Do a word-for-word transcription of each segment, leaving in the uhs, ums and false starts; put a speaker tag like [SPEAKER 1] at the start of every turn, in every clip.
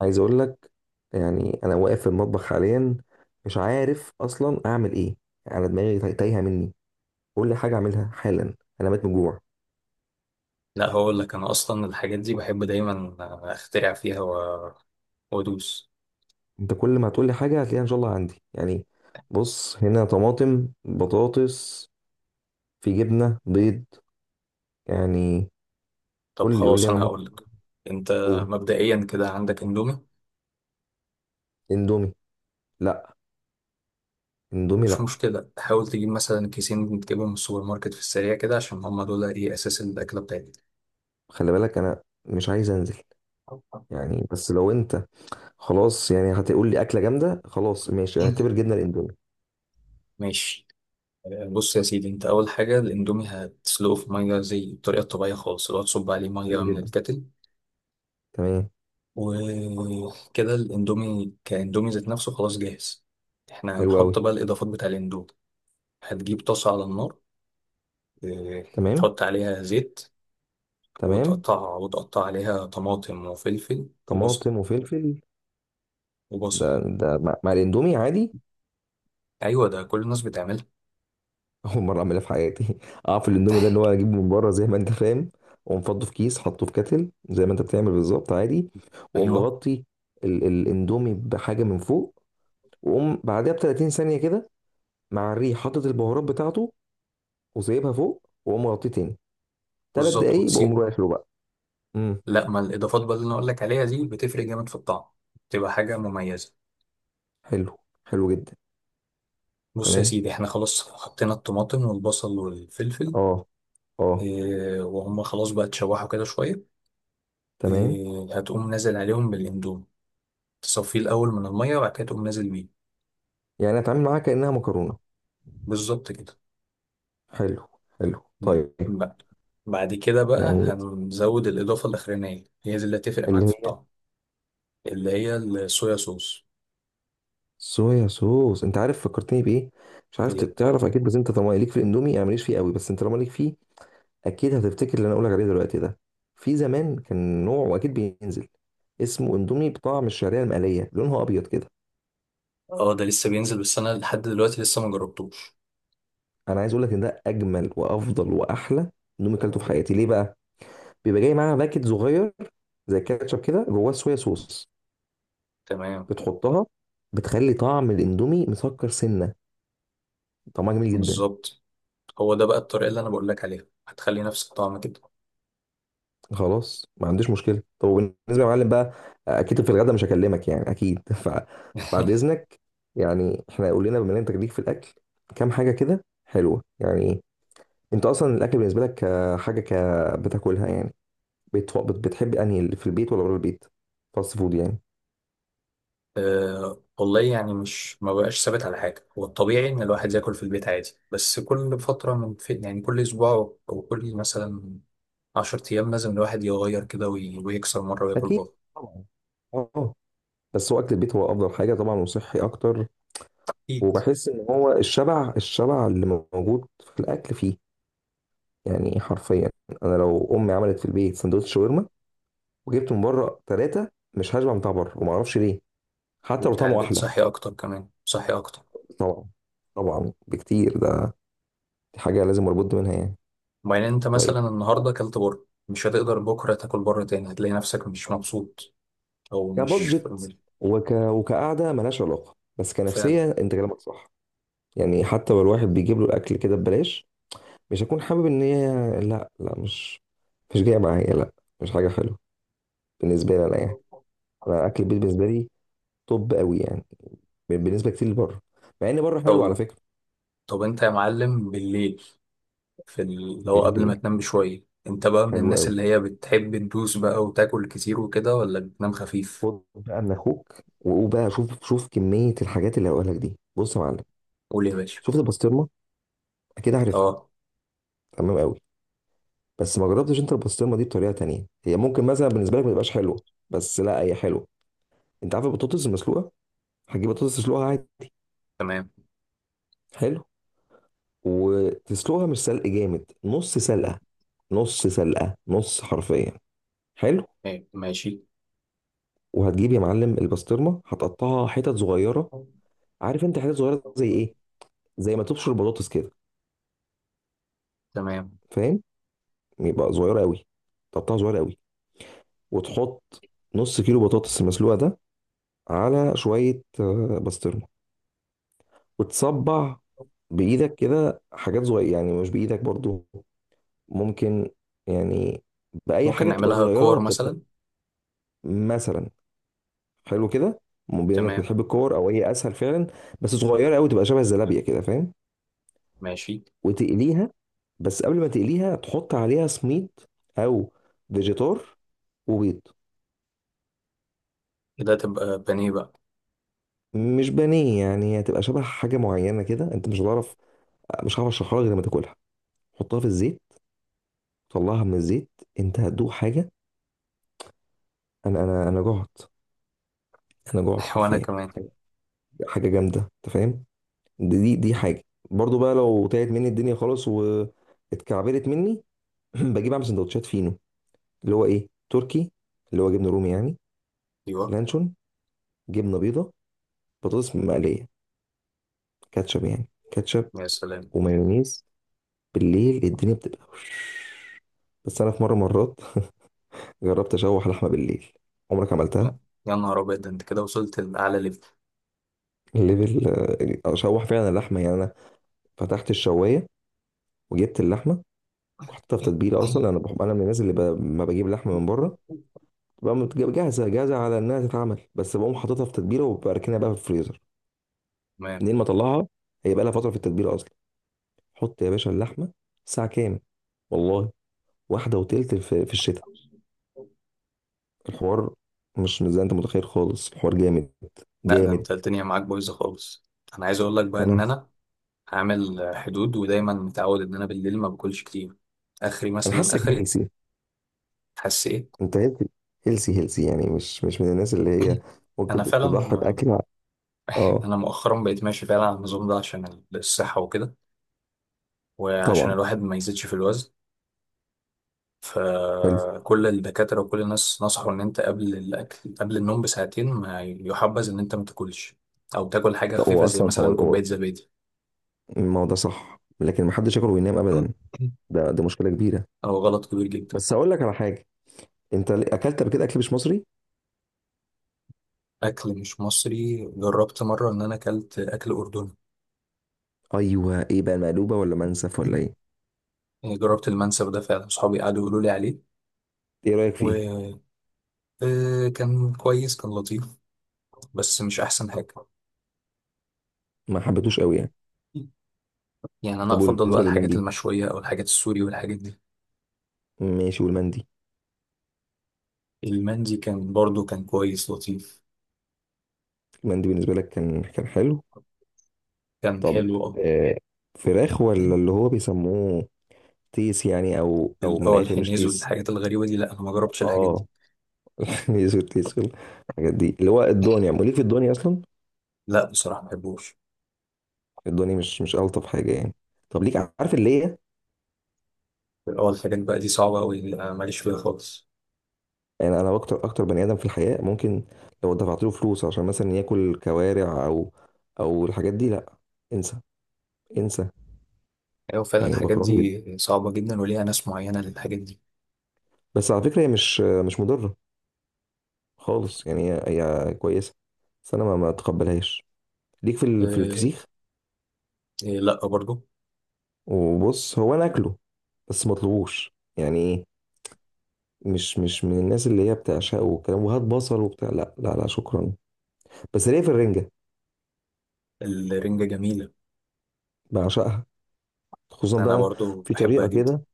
[SPEAKER 1] عايز اقول لك، يعني انا واقف في المطبخ حاليا. مش عارف اصلا اعمل ايه. يعني انا دماغي تاي- تايهه مني. قول لي حاجه اعملها حالا، انا ميت من الجوع.
[SPEAKER 2] لا، هقول لك انا اصلا الحاجات دي بحب دايما اخترع فيها و- وادوس.
[SPEAKER 1] انت كل ما هتقول لي حاجه هتلاقيها ان شاء الله عندي يعني. بص، هنا طماطم، بطاطس، في جبنه، بيض، يعني.
[SPEAKER 2] طب
[SPEAKER 1] قول لي قول لي،
[SPEAKER 2] خلاص،
[SPEAKER 1] انا
[SPEAKER 2] انا
[SPEAKER 1] ممكن
[SPEAKER 2] هقول لك. انت
[SPEAKER 1] اقول.
[SPEAKER 2] مبدئيا كده عندك اندومي.
[SPEAKER 1] اندومي؟ لا، اندومي
[SPEAKER 2] مش
[SPEAKER 1] لا.
[SPEAKER 2] مشكله، حاول تجيب مثلا كيسين تجيبهم من السوبر ماركت في السريع كده، عشان هما دول ايه اساس الاكله بتاعتك.
[SPEAKER 1] خلي بالك انا مش عايز انزل، يعني. بس لو انت خلاص يعني هتقول لي اكله جامده، خلاص ماشي، اعتبر جبنه الاندومي.
[SPEAKER 2] ماشي. آه، بص يا سيدي، انت اول حاجه الاندومي هتسلقه في ميه زي الطريقه الطبيعيه خالص، اللي هو تصب عليه
[SPEAKER 1] حلو
[SPEAKER 2] ميه من
[SPEAKER 1] جدا.
[SPEAKER 2] الكتل.
[SPEAKER 1] تمام.
[SPEAKER 2] وكده الاندومي كاندومي ذات نفسه خلاص جاهز. احنا
[SPEAKER 1] حلو قوي.
[SPEAKER 2] هنحط بقى الاضافات بتاع الاندومي. هتجيب طاسة على النار، آه،
[SPEAKER 1] تمام.
[SPEAKER 2] تحط عليها زيت،
[SPEAKER 1] تمام.
[SPEAKER 2] وتقطعها وتقطع عليها طماطم وفلفل وبصل
[SPEAKER 1] طماطم وفلفل، ده
[SPEAKER 2] وبصل
[SPEAKER 1] ده مع مع الاندومي عادي؟
[SPEAKER 2] أيوة ده كل الناس بتعملها.
[SPEAKER 1] اول مره اعملها في حياتي. اعرف الاندومي ده اللي هو اجيبه من بره زي ما انت فاهم، واقوم فضه في كيس، حطه في كتل زي ما انت بتعمل بالظبط عادي، واقوم
[SPEAKER 2] أيوة
[SPEAKER 1] مغطي ال- الاندومي بحاجه من فوق، واقوم بعدها ب تلاتين ثانيه كده، مع الريح حاطط البهارات بتاعته وسايبها فوق، واقوم مغطيه تاني. ثلاث
[SPEAKER 2] بالظبط
[SPEAKER 1] دقايق بقوم
[SPEAKER 2] وتسيبه.
[SPEAKER 1] رايح له بقى. امم
[SPEAKER 2] لا، ما الإضافات بقى اللي أنا أقول لك عليها دي بتفرق جامد في الطعم. بتبقى حاجة مميزة.
[SPEAKER 1] حلو. حلو جدا.
[SPEAKER 2] بص يا
[SPEAKER 1] تمام.
[SPEAKER 2] سيدي، احنا خلاص حطينا الطماطم والبصل والفلفل.
[SPEAKER 1] اه. اه.
[SPEAKER 2] إيه وهم خلاص بقى اتشوحوا كده شوية.
[SPEAKER 1] تمام.
[SPEAKER 2] إيه هتقوم نازل عليهم بالاندومي. تصفيه الأول من المية وبعد كده تقوم نازل بيه.
[SPEAKER 1] يعني اتعامل معاها كانها مكرونه؟
[SPEAKER 2] بالظبط كده.
[SPEAKER 1] حلو. حلو، طيب.
[SPEAKER 2] بقى. بعد كده بقى
[SPEAKER 1] يعني
[SPEAKER 2] هنزود الإضافة الأخرانية، هي دي اللي هتفرق
[SPEAKER 1] اللي
[SPEAKER 2] معاك في
[SPEAKER 1] هي؟
[SPEAKER 2] الطعم. اللي هي الصويا صوص
[SPEAKER 1] صويا صوص؟ انت عارف فكرتني بايه؟ مش عارف
[SPEAKER 2] دي.
[SPEAKER 1] ت- تعرف اكيد، بس انت طالما ليك في الاندومي، يعني ماليش فيه قوي، بس انت طالما ليك فيه اكيد هتفتكر اللي انا اقولك عليه دلوقتي ده. في زمان كان نوع، واكيد بينزل، اسمه اندومي بطعم الشعريه المقليه، لونها ابيض كده.
[SPEAKER 2] اه، ده لسه بينزل، بس أنا لحد دلوقتي لسه ما جربتوش.
[SPEAKER 1] انا عايز اقولك ان ده اجمل وافضل واحلى اندومي كلته في حياتي. ليه بقى؟ بيبقى جاي معاها باكت صغير زي الكاتشب كده، جواه صويا صوص.
[SPEAKER 2] تمام
[SPEAKER 1] بتحطها، بتخلي طعم الاندومي مسكر سنه. طعمها جميل جدا.
[SPEAKER 2] بالظبط. هو ده بقى الطريقة اللي أنا بقول لك عليها، هتخلي نفس الطعم كده.
[SPEAKER 1] خلاص، ما عنديش مشكله. طب وبالنسبه يا معلم بقى، اكيد في الغدا مش هكلمك يعني، اكيد. فبعد اذنك. يعني احنا قول لنا، بما ان انت ليك في الاكل، كام حاجه كده حلوه يعني. انت اصلا الاكل بالنسبه لك آه، حاجه ك بتاكلها يعني؟ بت- بت- بتحب انهي، اللي في البيت ولا بره البيت؟ فاست فود يعني.
[SPEAKER 2] أه والله، يعني مش ما بقاش ثابت على حاجة. هو الطبيعي إن الواحد ياكل في البيت عادي، بس كل فترة من في يعني كل أسبوع أو كل مثلا عشر أيام لازم الواحد يغير كده وي- ويكسر مرة وياكل
[SPEAKER 1] اكيد.
[SPEAKER 2] بره.
[SPEAKER 1] طبعا. اه. بس هو اكل البيت هو افضل حاجه طبعا، وصحي اكتر.
[SPEAKER 2] أكيد.
[SPEAKER 1] وبحس ان هو الشبع، الشبع اللي موجود في الاكل فيه، يعني حرفيا. انا لو امي عملت في البيت سندوتش شاورما وجبت من بره ثلاثه، مش هشبع من بتاع بره، وما اعرفش ليه، حتى لو
[SPEAKER 2] وبتاع
[SPEAKER 1] طعمه
[SPEAKER 2] البيت
[SPEAKER 1] احلى.
[SPEAKER 2] صحي اكتر، كمان صحي اكتر.
[SPEAKER 1] طبعا. طبعا بكتير ده. دي حاجه لازم اربط منها يعني.
[SPEAKER 2] وبعدين انت
[SPEAKER 1] طيب،
[SPEAKER 2] مثلا النهارده اكلت بره، مش هتقدر بكره تاكل بره تاني، هتلاقي نفسك مش مبسوط. او مش
[SPEAKER 1] كبادجت
[SPEAKER 2] في-
[SPEAKER 1] وك... وكقعده ملهاش علاقه، بس
[SPEAKER 2] فعلا.
[SPEAKER 1] كنفسيه انت كلامك صح. يعني حتى لو الواحد بيجيب له الاكل كده ببلاش، مش هكون حابب ان هي، لا لا، مش مش جايه معايا، لا. مش حاجه حلوه بالنسبه لي انا، يعني. انا اكل البيت بالنسبه لي طب قوي، يعني بالنسبه كتير لبره، مع ان بره حلو على
[SPEAKER 2] طب
[SPEAKER 1] فكره.
[SPEAKER 2] طب انت يا معلم بالليل، في ال- اللي هو قبل ما
[SPEAKER 1] بالليل
[SPEAKER 2] تنام بشويه، انت بقى من
[SPEAKER 1] حلو
[SPEAKER 2] الناس
[SPEAKER 1] قوي.
[SPEAKER 2] اللي هي بتحب تدوس بقى وتاكل كتير وكده، ولا بتنام خفيف؟
[SPEAKER 1] خد بقى من اخوك وقول بقى. شوف شوف كميه الحاجات اللي هقولها لك دي. بص يا معلم،
[SPEAKER 2] قول يا باشا.
[SPEAKER 1] شفت البسطرمه؟ اكيد عارفها.
[SPEAKER 2] اه،
[SPEAKER 1] تمام قوي. بس ما جربتش انت البسطرمه دي بطريقه تانية، هي ممكن مثلا بالنسبه لك ما تبقاش حلوه، بس لا هي حلوه. انت عارف البطاطس المسلوقه؟ هتجيب بطاطس تسلقها عادي.
[SPEAKER 2] تمام.
[SPEAKER 1] حلو. وتسلقها مش سلق جامد، نص سلقه. نص سلقه نص، حرفيا. حلو.
[SPEAKER 2] إيه، ماشي.
[SPEAKER 1] وهتجيب يا معلم البسطرمه، هتقطعها حتت صغيره. عارف انت حتت صغيره زي ايه؟ زي ما تبشر البطاطس كده،
[SPEAKER 2] تمام.
[SPEAKER 1] فاهم؟ يبقى صغيرة قوي، طبقها صغيرة قوي. وتحط نص كيلو بطاطس المسلوقة ده على شوية آه، بسطرمة. وتصبع بإيدك كده حاجات صغيرة، يعني مش بإيدك برضو ممكن، يعني بأي
[SPEAKER 2] ممكن
[SPEAKER 1] حاجة تبقى
[SPEAKER 2] نعملها
[SPEAKER 1] صغيرة
[SPEAKER 2] كور
[SPEAKER 1] تبقى.
[SPEAKER 2] مثلا.
[SPEAKER 1] مثلا، حلو كده. م- بما إنك
[SPEAKER 2] تمام.
[SPEAKER 1] بتحب الكور أو هي أسهل فعلا. بس صغيرة قوي، تبقى شبه الزلابية كده، فاهم؟
[SPEAKER 2] ماشي.
[SPEAKER 1] وتقليها. بس قبل ما تقليها تحط عليها سميد، أو فيجيتار، وبيض.
[SPEAKER 2] كده تبقى بانيه بقى.
[SPEAKER 1] مش بانيه يعني، هتبقى شبه حاجه معينه كده، انت مش هتعرف. مش هعرف اشرحها لك غير لما تاكلها. حطها في الزيت، طلعها من الزيت، انت هتدوق حاجه. انا انا انا جعت، انا جعت
[SPEAKER 2] وانا
[SPEAKER 1] حرفيا.
[SPEAKER 2] كمان.
[SPEAKER 1] حاجه، حاجة جامده، انت فاهم؟ دي دي دي حاجه. برضو بقى، لو تعبت مني الدنيا خالص واتكعبلت مني، بجيب اعمل سندوتشات فينو، اللي هو ايه، تركي، اللي هو جبنه رومي يعني،
[SPEAKER 2] ايوه
[SPEAKER 1] لانشون، جبنه بيضه، بطاطس مقليه، كاتشب، يعني كاتشب،
[SPEAKER 2] يا سلام.
[SPEAKER 1] ومايونيز. بالليل الدنيا بتبقى وش. بس انا في مره، مرات جربت اشوح لحمه بالليل. عمرك
[SPEAKER 2] لا،
[SPEAKER 1] عملتها؟
[SPEAKER 2] يا نهار ابيض، ده انت كده وصلت لاعلى ليفل.
[SPEAKER 1] الليفل. آه، اشوح فعلا اللحمه، يعني انا فتحت الشوايه وجبت اللحمه وحطيتها في تتبيله. اصلا انا بحب، انا من الناس اللي ب... ما بجيب لحمه من بره بقى متج- جاهزه جاهزه على انها تتعمل، بس بقوم حاططها في تتبيله وبركنها بقى في الفريزر.
[SPEAKER 2] تمام.
[SPEAKER 1] منين ما اطلعها، هي بقى لها فتره في التتبيله اصلا. حط يا باشا اللحمه ساعه كام؟ والله، واحده وتلت في, في الشتاء. الحوار مش مش زي انت متخيل خالص، الحوار جامد.
[SPEAKER 2] لا، ده
[SPEAKER 1] جامد.
[SPEAKER 2] انت الدنيا معاك بايظه خالص. انا عايز اقول لك بقى ان
[SPEAKER 1] انا
[SPEAKER 2] انا هعمل حدود، ودايما متعود ان انا بالليل ما باكلش كتير. اخري
[SPEAKER 1] انا
[SPEAKER 2] مثلا
[SPEAKER 1] حاسك،
[SPEAKER 2] اخري. حاسس ايه؟
[SPEAKER 1] انت هيلثي. هيلثي هيلثي يعني، مش مش من الناس اللي هي ممكن
[SPEAKER 2] انا
[SPEAKER 1] تضحي
[SPEAKER 2] فعلا
[SPEAKER 1] باكل ع- اه.
[SPEAKER 2] انا مؤخرا بقيت ماشي فعلا على النظام ده عشان الصحه وكده، وعشان
[SPEAKER 1] طبعا.
[SPEAKER 2] الواحد ما يزيدش في الوزن.
[SPEAKER 1] حلو.
[SPEAKER 2] فكل الدكاترة وكل الناس نصحوا إن أنت قبل الأكل قبل النوم بساعتين ما يحبذ إن أنت ما تاكلش. أو تاكل حاجة
[SPEAKER 1] طب
[SPEAKER 2] خفيفة
[SPEAKER 1] هو
[SPEAKER 2] زي
[SPEAKER 1] اصلا هو
[SPEAKER 2] مثلا
[SPEAKER 1] هو
[SPEAKER 2] كوباية زبادي.
[SPEAKER 1] الموضوع صح، لكن ما حدش ياكل وينام ابدا. ده دي مشكله كبيره.
[SPEAKER 2] هو غلط كبير جدا.
[SPEAKER 1] بس هقول لك على حاجه، انت ليه- اكلت قبل كده اكل مش مصري؟
[SPEAKER 2] أكل مش مصري، جربت مرة إن أنا أكلت أكل أردني.
[SPEAKER 1] ايوه، ايه بقى، مقلوبه ولا منسف ولا ايه؟
[SPEAKER 2] جربت المنسف ده، فعلا صحابي قعدوا يقولوا لي عليه،
[SPEAKER 1] ايه رايك فيه؟
[SPEAKER 2] وكان كويس كان لطيف. بس مش أحسن حاجة.
[SPEAKER 1] ما حبيتوش قوي يعني؟
[SPEAKER 2] يعني أنا
[SPEAKER 1] طب
[SPEAKER 2] أفضل بقى
[SPEAKER 1] وبالنسبه
[SPEAKER 2] الحاجات
[SPEAKER 1] للمندي؟
[SPEAKER 2] المشوية أو الحاجات السوري والحاجات دي.
[SPEAKER 1] ماشي، والمندي؟
[SPEAKER 2] المندي كان برضو كان كويس لطيف.
[SPEAKER 1] المندي بالنسبه لك كان، كان حلو؟
[SPEAKER 2] كان
[SPEAKER 1] طب،
[SPEAKER 2] حلو أوي.
[SPEAKER 1] آه، فراخ ولا اللي هو بيسموه تيس يعني، او او
[SPEAKER 2] ال-
[SPEAKER 1] من
[SPEAKER 2] اه
[SPEAKER 1] الاخر مش
[SPEAKER 2] الحنيز
[SPEAKER 1] تيس.
[SPEAKER 2] والحاجات الغريبة دي، لا أنا ما جربتش الحاجات دي.
[SPEAKER 1] اه. يسود تيسول. الحاجات دي اللي هو الدنيا، وليك في الدنيا اصلا؟
[SPEAKER 2] لا بصراحة ما بحبوش.
[SPEAKER 1] الدنيا مش مش الطف حاجه يعني. طب ليك، عارف اللي هي؟
[SPEAKER 2] اه، الحاجات بقى دي صعبة أوي، لا، ماليش فيها خالص.
[SPEAKER 1] يعني انا اكتر اكتر بني ادم في الحياه، ممكن لو دفعت له فلوس عشان مثلا ياكل كوارع او او الحاجات دي، لا، انسى، انسى.
[SPEAKER 2] أيوة فعلا
[SPEAKER 1] يعني
[SPEAKER 2] الحاجات
[SPEAKER 1] بكرهها جدا.
[SPEAKER 2] دي صعبة جدا وليها ناس معينة للحاجات دي.
[SPEAKER 1] بس على فكره هي مش مش مضره خالص يعني، هي هي كويسه، بس انا ما ما اتقبلهاش. ليك في ال- في
[SPEAKER 2] أه،
[SPEAKER 1] الفسيخ؟
[SPEAKER 2] آه، لا برضو.
[SPEAKER 1] وبص، هو انا اكله، بس ما اطلبوش يعني. إيه؟ مش مش من الناس اللي هي بتعشقه والكلام، وهات بصل وبتاع، لا لا لا، شكرا. بس ليه، في الرنجة؟
[SPEAKER 2] الرنجة جميلة.
[SPEAKER 1] بعشقها. خصوصا
[SPEAKER 2] أنا
[SPEAKER 1] بقى
[SPEAKER 2] برضو
[SPEAKER 1] في
[SPEAKER 2] بحبها
[SPEAKER 1] طريقة
[SPEAKER 2] جدا.
[SPEAKER 1] كده،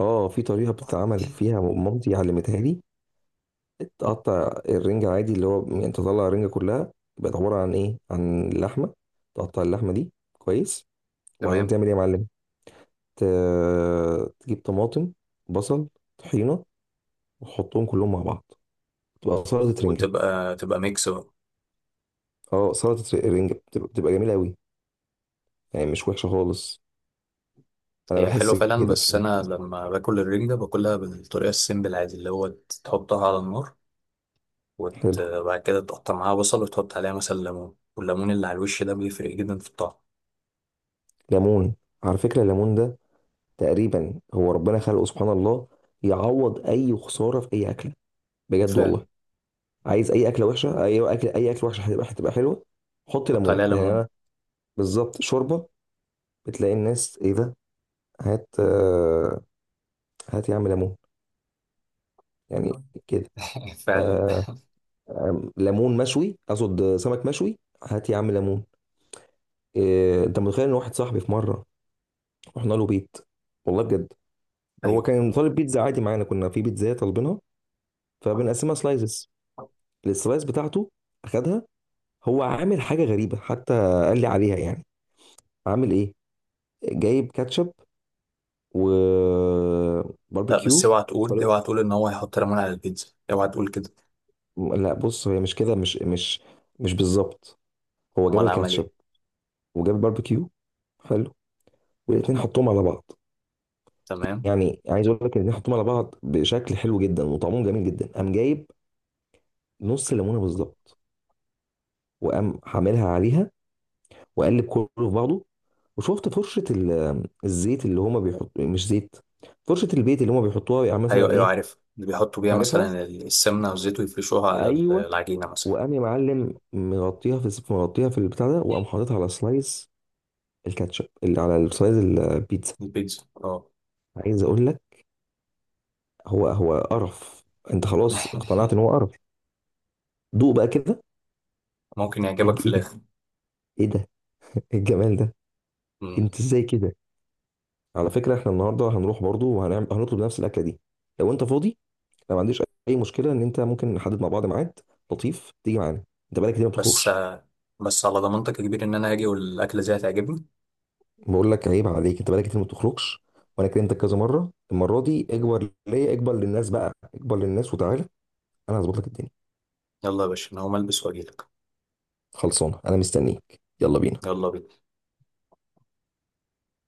[SPEAKER 1] اه في طريقة بتتعمل فيها مامتي علمتها لي. تقطع الرنجة عادي، اللي هو يعني تطلع الرنجة كلها، يبقى عبارة عن ايه، عن اللحمة. تقطع اللحمة دي كويس، وبعدين
[SPEAKER 2] تمام.
[SPEAKER 1] تعمل ايه يا معلم؟ ت- تجيب طماطم، بصل، طحينة، وتحطهم كلهم مع بعض، تبقى سلطة رنجة.
[SPEAKER 2] وتبقى تبقى ميكس بقى.
[SPEAKER 1] اه سلطة رنجة بتبقى، بتبقى جميلة قوي، يعني مش وحشة خالص. انا
[SPEAKER 2] هي حلوة
[SPEAKER 1] بحس
[SPEAKER 2] فعلا،
[SPEAKER 1] كده
[SPEAKER 2] بس
[SPEAKER 1] سن.
[SPEAKER 2] أنا لما باكل الرنجة باكلها بالطريقة السيمبل عادي، اللي هو تحطها على النار وت-
[SPEAKER 1] حلو.
[SPEAKER 2] وبعد كده تقطع معاها بصل وتحط عليها مثلا ليمون، والليمون اللي على الوش ده بيفرق جدا في الطعم.
[SPEAKER 1] ليمون، على فكره الليمون ده تقريبا هو ربنا خلقه، سبحان الله، يعوض اي خساره في اي اكله، بجد والله.
[SPEAKER 2] فعلا.
[SPEAKER 1] عايز اي اكله وحشه، اي اكل، اي اكل وحشه، هتبقى، هتبقى حلوه. حط
[SPEAKER 2] حط
[SPEAKER 1] ليمون،
[SPEAKER 2] عليها
[SPEAKER 1] يعني
[SPEAKER 2] ليمون.
[SPEAKER 1] انا، بالظبط. شوربه، بتلاقي الناس، ايه ده، هات آه، هات يا عم ليمون، يعني كده.
[SPEAKER 2] فعلا.
[SPEAKER 1] آه، آم، ليمون مشوي، اقصد سمك مشوي، هات يا عم ليمون. إيه، انت متخيل ان واحد صاحبي في مره رحنا له بيت، والله بجد، هو
[SPEAKER 2] ايوه.
[SPEAKER 1] كان طالب بيتزا عادي معانا، كنا في بيتزا طالبينها، فبنقسمها سلايزز. السلايز بتاعته اخدها، هو عامل حاجه غريبه حتى، قال لي عليها يعني. عامل ايه؟ جايب كاتشب
[SPEAKER 2] لا، بس
[SPEAKER 1] وباربيكيو
[SPEAKER 2] اوعى تقول
[SPEAKER 1] وخلاص.
[SPEAKER 2] اوعى تقول ان هو هيحط ليمون على البيتزا، اوعى تقول كده.
[SPEAKER 1] لا بص، هي مش كده، مش مش مش بالظبط. هو جاب
[SPEAKER 2] امال عمل
[SPEAKER 1] الكاتشب
[SPEAKER 2] ايه؟
[SPEAKER 1] وجاب الباربيكيو، حلو، والاتنين حطهم على بعض.
[SPEAKER 2] تمام.
[SPEAKER 1] يعني عايز اقول لك، الاتنين حطهم على بعض بشكل حلو جدا وطعمهم جميل جدا. قام جايب نص ليمونه بالظبط وقام حاملها عليها، واقلب كله في بعضه. وشفت فرشه ال- الزيت اللي هما بيحطوا، مش زيت، فرشه البيت اللي هما بيحطوها، يعني
[SPEAKER 2] ايوه
[SPEAKER 1] مثلا
[SPEAKER 2] ايوه
[SPEAKER 1] ايه؟
[SPEAKER 2] عارف اللي بيحطوا بيها
[SPEAKER 1] عارفها؟
[SPEAKER 2] مثلا ال- السمنه والزيت، ويفرشوها على ال-
[SPEAKER 1] ايوه.
[SPEAKER 2] العجينه مثلا.
[SPEAKER 1] وقام يا معلم مغطيها في، مغطيها في البتاع ده، وقام حاططها على سلايز الكاتشب اللي على سلايز البيتزا.
[SPEAKER 2] البيتزا اه.
[SPEAKER 1] عايز اقول لك، هو هو قرف، انت خلاص اقتنعت ان هو قرف. دوق بقى كده.
[SPEAKER 2] ممكن
[SPEAKER 1] ايه،
[SPEAKER 2] يعجبك في
[SPEAKER 1] إيه ده،
[SPEAKER 2] الاخر.
[SPEAKER 1] ايه ده، إيه الجمال ده،
[SPEAKER 2] مم.
[SPEAKER 1] انت ازاي كده! على فكره احنا النهارده هنروح برضو وهنعمل، هنطلب نفس الاكله دي. لو انت فاضي، انا ما عنديش اي مشكله ان انت ممكن نحدد مع بعض ميعاد، لطيف تيجي معانا، انت بقالك كتير ما
[SPEAKER 2] بس
[SPEAKER 1] بتخرجش.
[SPEAKER 2] بس على ضمانتك يا كبير، ان انا هاجي والاكله دي هتعجبني.
[SPEAKER 1] بقول لك عيب عليك، انت بقالك كتير ما بتخرجش، وانا كلمتك كذا مره. المره دي اكبر ليا، اكبر للناس بقى، اكبر للناس، وتعالى انا هظبط لك الدنيا.
[SPEAKER 2] يلا يا باشا، انا هقوم البس واجيلك.
[SPEAKER 1] خلصانه، انا مستنيك، يلا بينا.
[SPEAKER 2] يلا بينا.